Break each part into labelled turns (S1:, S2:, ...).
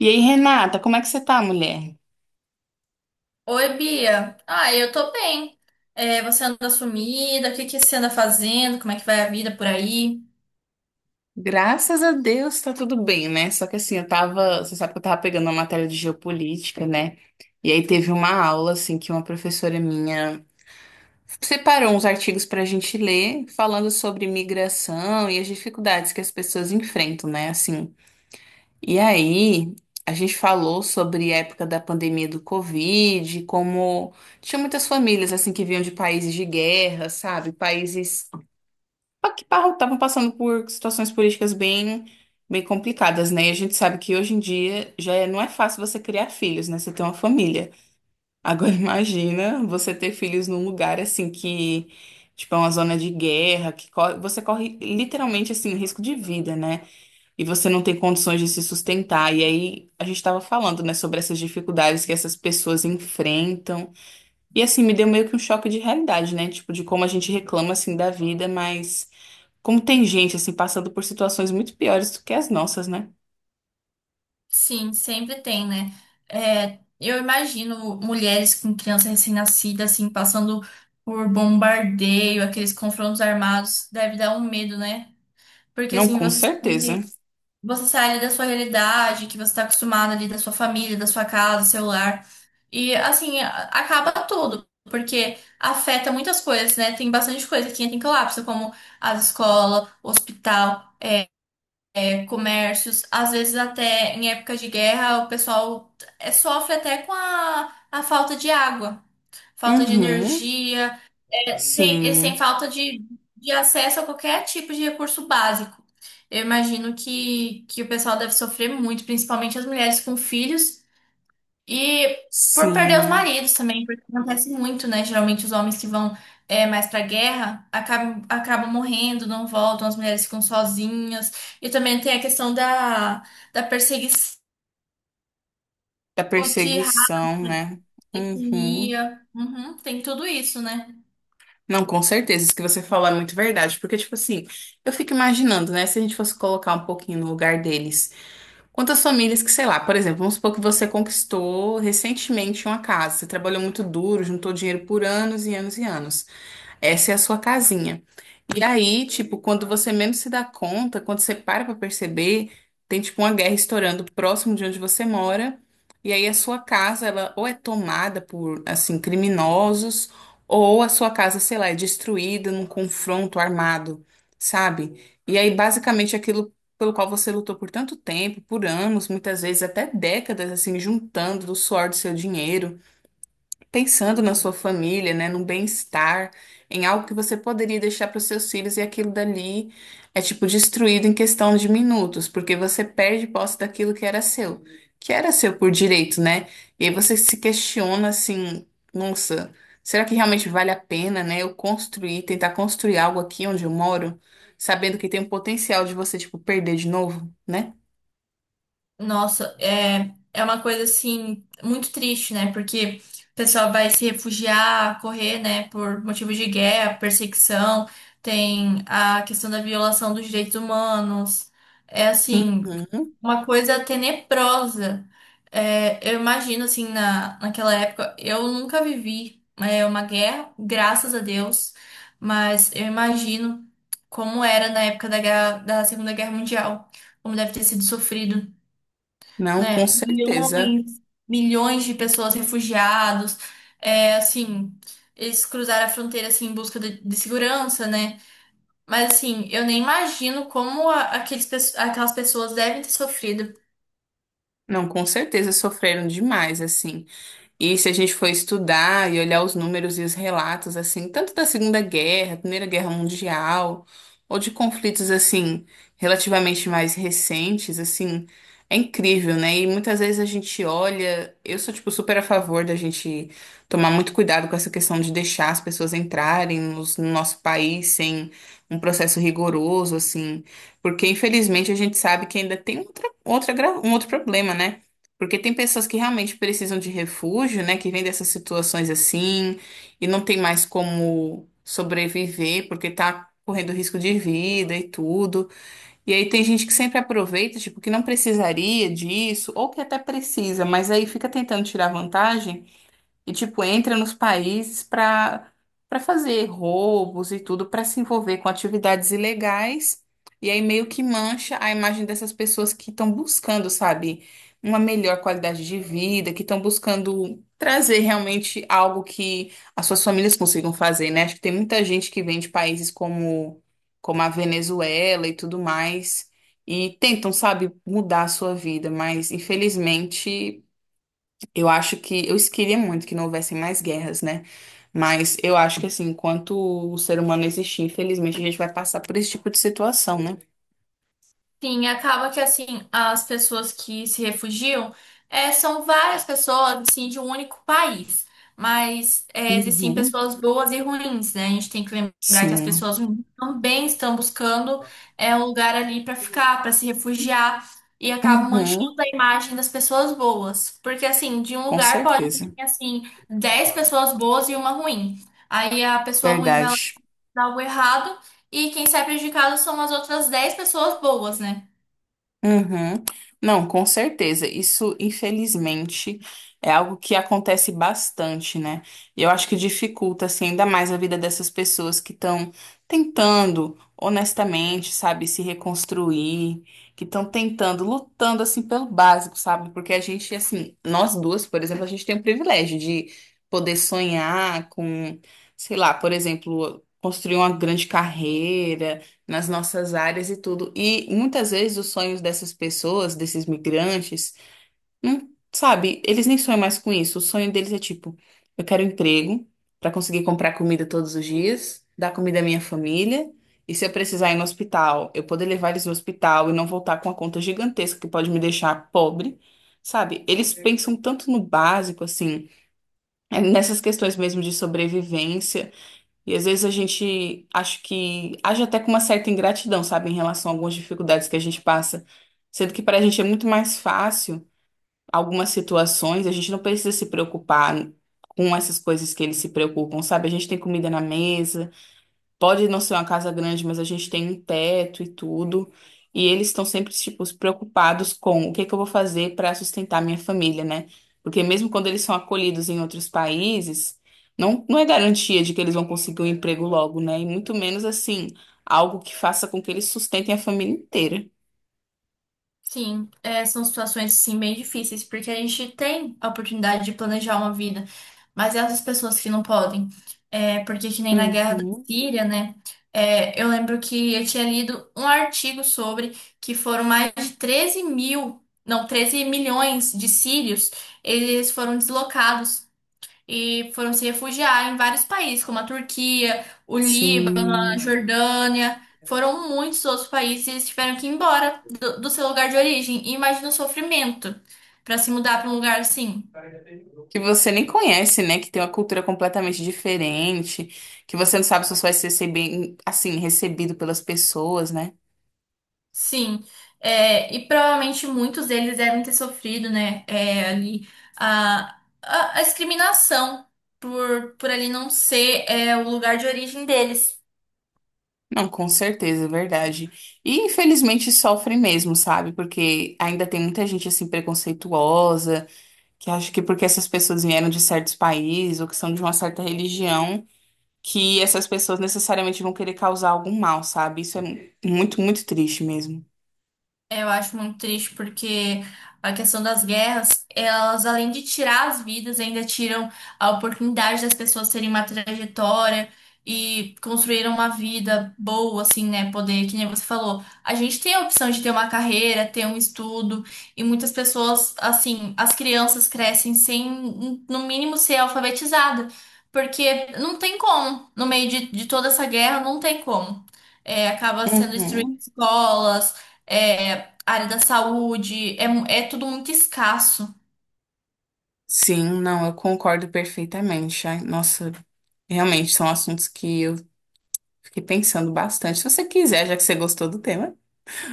S1: E aí, Renata, como é que você tá, mulher?
S2: Oi, Bia. Ah, eu tô bem. É, você anda sumida? O que que você anda fazendo? Como é que vai a vida por aí?
S1: Graças a Deus tá tudo bem, né? Só que assim, eu tava, você sabe que eu tava pegando uma matéria de geopolítica, né? E aí teve uma aula assim que uma professora minha separou uns artigos pra gente ler, falando sobre migração e as dificuldades que as pessoas enfrentam, né? Assim. E aí, a gente falou sobre a época da pandemia do Covid, como tinha muitas famílias assim que vinham de países de guerra, sabe? Países estavam passando por situações políticas bem complicadas, né? E a gente sabe que hoje em dia não é fácil você criar filhos, né? Você ter uma família. Agora imagina você ter filhos num lugar assim que, tipo, é uma zona de guerra, que você corre literalmente assim risco de vida, né? E você não tem condições de se sustentar. E aí a gente estava falando, né, sobre essas dificuldades que essas pessoas enfrentam. E assim me deu meio que um choque de realidade, né? Tipo, de como a gente reclama assim da vida, mas como tem gente assim passando por situações muito piores do que as nossas, né?
S2: Sim, sempre tem, né? É, eu imagino mulheres com criança recém-nascida, assim, passando por bombardeio, aqueles confrontos armados, deve dar um medo, né? Porque,
S1: Não,
S2: assim,
S1: com
S2: você
S1: certeza.
S2: sabe. Você sai ali da sua realidade, que você tá acostumado ali da sua família, da sua casa, do seu lar. E assim, acaba tudo, porque afeta muitas coisas, né? Tem bastante coisa que entra em colapso, como as escola hospital, comércios, às vezes até em época de guerra, o pessoal sofre até com a falta de água, falta de
S1: Uhum.
S2: energia. Eles têm
S1: Sim.
S2: falta de acesso a qualquer tipo de recurso básico. Eu imagino que o pessoal deve sofrer muito, principalmente as mulheres com filhos e por perder os
S1: Sim.
S2: maridos também, porque acontece muito, né? Geralmente os homens que vão mais pra guerra acabam morrendo, não voltam, as mulheres ficam sozinhas. E também tem a questão da perseguição
S1: Da
S2: de raça,
S1: perseguição, né? Uhum.
S2: etnia. Uhum, tem tudo isso, né?
S1: Não, com certeza. Isso que você falou é muito verdade. Porque, tipo assim, eu fico imaginando, né? Se a gente fosse colocar um pouquinho no lugar deles. Quantas famílias que, sei lá, por exemplo, vamos supor que você conquistou recentemente uma casa. Você trabalhou muito duro, juntou dinheiro por anos e anos e anos. Essa é a sua casinha. E aí, tipo, quando você menos se dá conta, quando você para pra perceber, tem tipo uma guerra estourando próximo de onde você mora. E aí a sua casa, ela ou é tomada por, assim, criminosos, ou a sua casa, sei lá, é destruída num confronto armado, sabe? E aí, basicamente, aquilo pelo qual você lutou por tanto tempo, por anos, muitas vezes até décadas, assim, juntando do suor do seu dinheiro pensando na sua família, né, no bem-estar, em algo que você poderia deixar para os seus filhos e aquilo dali é tipo destruído em questão de minutos, porque você perde posse daquilo que era seu por direito, né? E aí você se questiona assim, nossa, será que realmente vale a pena, né, eu construir, tentar construir algo aqui onde eu moro, sabendo que tem o potencial de você tipo perder de novo, né?
S2: Nossa, é uma coisa assim muito triste, né? Porque o pessoal vai se refugiar, correr, né, por motivos de guerra, perseguição, tem a questão da violação dos direitos humanos. É assim,
S1: Uhum.
S2: uma coisa tenebrosa. É, eu imagino assim naquela época, eu nunca vivi uma guerra, graças a Deus, mas eu imagino como era na época da Segunda Guerra Mundial, como deve ter sido sofrido
S1: Não, com
S2: né?
S1: certeza.
S2: Milhões, milhões de pessoas refugiados, assim, eles cruzaram a fronteira assim em busca de segurança, né? Mas assim, eu nem imagino como aquelas pessoas devem ter sofrido.
S1: Não, com certeza sofreram demais, assim. E se a gente for estudar e olhar os números e os relatos, assim, tanto da Segunda Guerra, Primeira Guerra Mundial, ou de conflitos, assim, relativamente mais recentes, assim, é incrível, né? E muitas vezes a gente olha, eu sou, tipo, super a favor da gente tomar muito cuidado com essa questão de deixar as pessoas entrarem no nosso país sem um processo rigoroso, assim, porque infelizmente a gente sabe que ainda tem um outro problema, né? Porque tem pessoas que realmente precisam de refúgio, né? Que vêm dessas situações assim e não tem mais como sobreviver porque tá correndo risco de vida e tudo. E aí tem gente que sempre aproveita, tipo, que não precisaria disso, ou que até precisa, mas aí fica tentando tirar vantagem. E, tipo, entra nos países para fazer roubos e tudo, para se envolver com atividades ilegais. E aí meio que mancha a imagem dessas pessoas que estão buscando, sabe, uma melhor qualidade de vida, que estão buscando trazer realmente algo que as suas famílias consigam fazer, né? Acho que tem muita gente que vem de países como, como a Venezuela e tudo mais. E tentam, sabe, mudar a sua vida, mas infelizmente eu acho que eu queria muito que não houvessem mais guerras, né? Mas eu acho que assim, enquanto o ser humano existir, infelizmente a gente vai passar por esse tipo de situação, né?
S2: Sim, acaba que assim, as pessoas que se refugiam são várias pessoas assim, de um único país. Mas existem
S1: Uhum,
S2: pessoas boas e ruins, né? A gente tem que lembrar que as
S1: sim.
S2: pessoas ruins também estão buscando um lugar ali para ficar, para se refugiar, e acabam manchando
S1: Uhum,
S2: a imagem das pessoas boas. Porque assim, de um
S1: com
S2: lugar pode vir
S1: certeza.
S2: assim, 10 pessoas boas e uma ruim. Aí a pessoa ruim vai lá
S1: Verdade.
S2: e algo errado, e quem sai prejudicado são as outras 10 pessoas boas, né?
S1: Uhum. Não, com certeza. Isso, infelizmente, é algo que acontece bastante, né? E eu acho que dificulta, assim, ainda mais a vida dessas pessoas que estão tentando, honestamente, sabe, se reconstruir, que estão tentando, lutando, assim, pelo básico, sabe? Porque a gente, assim, nós duas, por exemplo, a gente tem o privilégio de poder sonhar com, sei lá, por exemplo, construir uma grande carreira nas nossas áreas e tudo. E muitas vezes os sonhos dessas pessoas, desses migrantes, não, sabe, eles nem sonham mais com isso. O sonho deles é tipo, eu quero um emprego para conseguir comprar comida todos os dias, dar comida à minha família, e se eu precisar ir no hospital, eu poder levar eles no hospital e não voltar com uma conta gigantesca que pode me deixar pobre. Sabe, eles pensam tanto no básico, assim, é, nessas questões mesmo de sobrevivência. E às vezes a gente acho que age até com uma certa ingratidão, sabe, em relação a algumas dificuldades que a gente passa. Sendo que para a gente é muito mais fácil algumas situações, a gente não precisa se preocupar com essas coisas que eles se preocupam, sabe? A gente tem comida na mesa. Pode não ser uma casa grande, mas a gente tem um teto e tudo. E eles estão sempre, tipo, preocupados com o que que eu vou fazer para sustentar minha família, né? Porque mesmo quando eles são acolhidos em outros países, não é garantia de que eles vão conseguir um emprego logo, né? E muito menos, assim, algo que faça com que eles sustentem a família inteira.
S2: Sim, são situações assim bem difíceis, porque a gente tem a oportunidade de planejar uma vida, mas e as pessoas que não podem? É, porque que nem na guerra da
S1: Uhum,
S2: Síria, né? É, eu lembro que eu tinha lido um artigo sobre que foram mais de 13.000, não, 13 milhões de sírios, eles foram deslocados e foram se refugiar em vários países, como a Turquia, o Líbano,
S1: sim.
S2: a Jordânia. Foram muitos outros países e eles tiveram que ir embora do seu lugar de origem. E imagina o sofrimento para se mudar para um lugar assim.
S1: Que você nem conhece, né? Que tem uma cultura completamente diferente, que você não sabe se você vai ser bem, assim, recebido pelas pessoas, né?
S2: Sim. É, e provavelmente muitos deles devem ter sofrido, né? é, ali a discriminação por ali não ser o lugar de origem deles.
S1: Não, com certeza, é verdade. E infelizmente sofre mesmo, sabe? Porque ainda tem muita gente assim preconceituosa, que acha que porque essas pessoas vieram de certos países ou que são de uma certa religião, que essas pessoas necessariamente vão querer causar algum mal, sabe? Isso é muito, muito triste mesmo.
S2: É, eu acho muito triste porque a questão das guerras, elas além de tirar as vidas, ainda tiram a oportunidade das pessoas terem uma trajetória e construírem uma vida boa, assim, né? Poder, que nem você falou, a gente tem a opção de ter uma carreira, ter um estudo, e muitas pessoas, assim, as crianças crescem sem, no mínimo, ser alfabetizada, porque não tem como, no meio de toda essa guerra, não tem como. É, acaba sendo
S1: Uhum.
S2: destruídas escolas. é, a área da saúde, é tudo muito escasso.
S1: Sim, não, eu concordo perfeitamente. Ai, nossa, realmente são assuntos que eu fiquei pensando bastante. Se você quiser, já que você gostou do tema.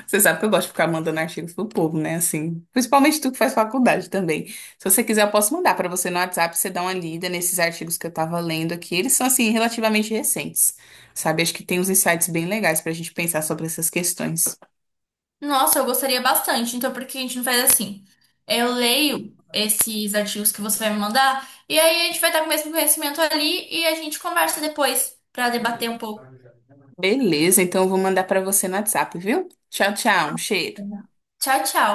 S1: Você sabe que eu gosto de ficar mandando artigos pro povo, né? Assim, principalmente tu que faz faculdade também. Se você quiser, eu posso mandar para você no WhatsApp, você dá uma lida nesses artigos que eu tava lendo aqui. Eles são, assim, relativamente recentes, sabe? Acho que tem uns insights bem legais pra gente pensar sobre essas questões.
S2: Nossa, eu gostaria bastante. Então, por que a gente não faz assim? Eu leio esses artigos que você vai me mandar, e aí a gente vai estar com o mesmo conhecimento ali e a gente conversa depois para debater um pouco.
S1: Beleza, então eu vou mandar para você no WhatsApp, viu? Tchau, tchau. Um cheiro.
S2: Tchau, tchau.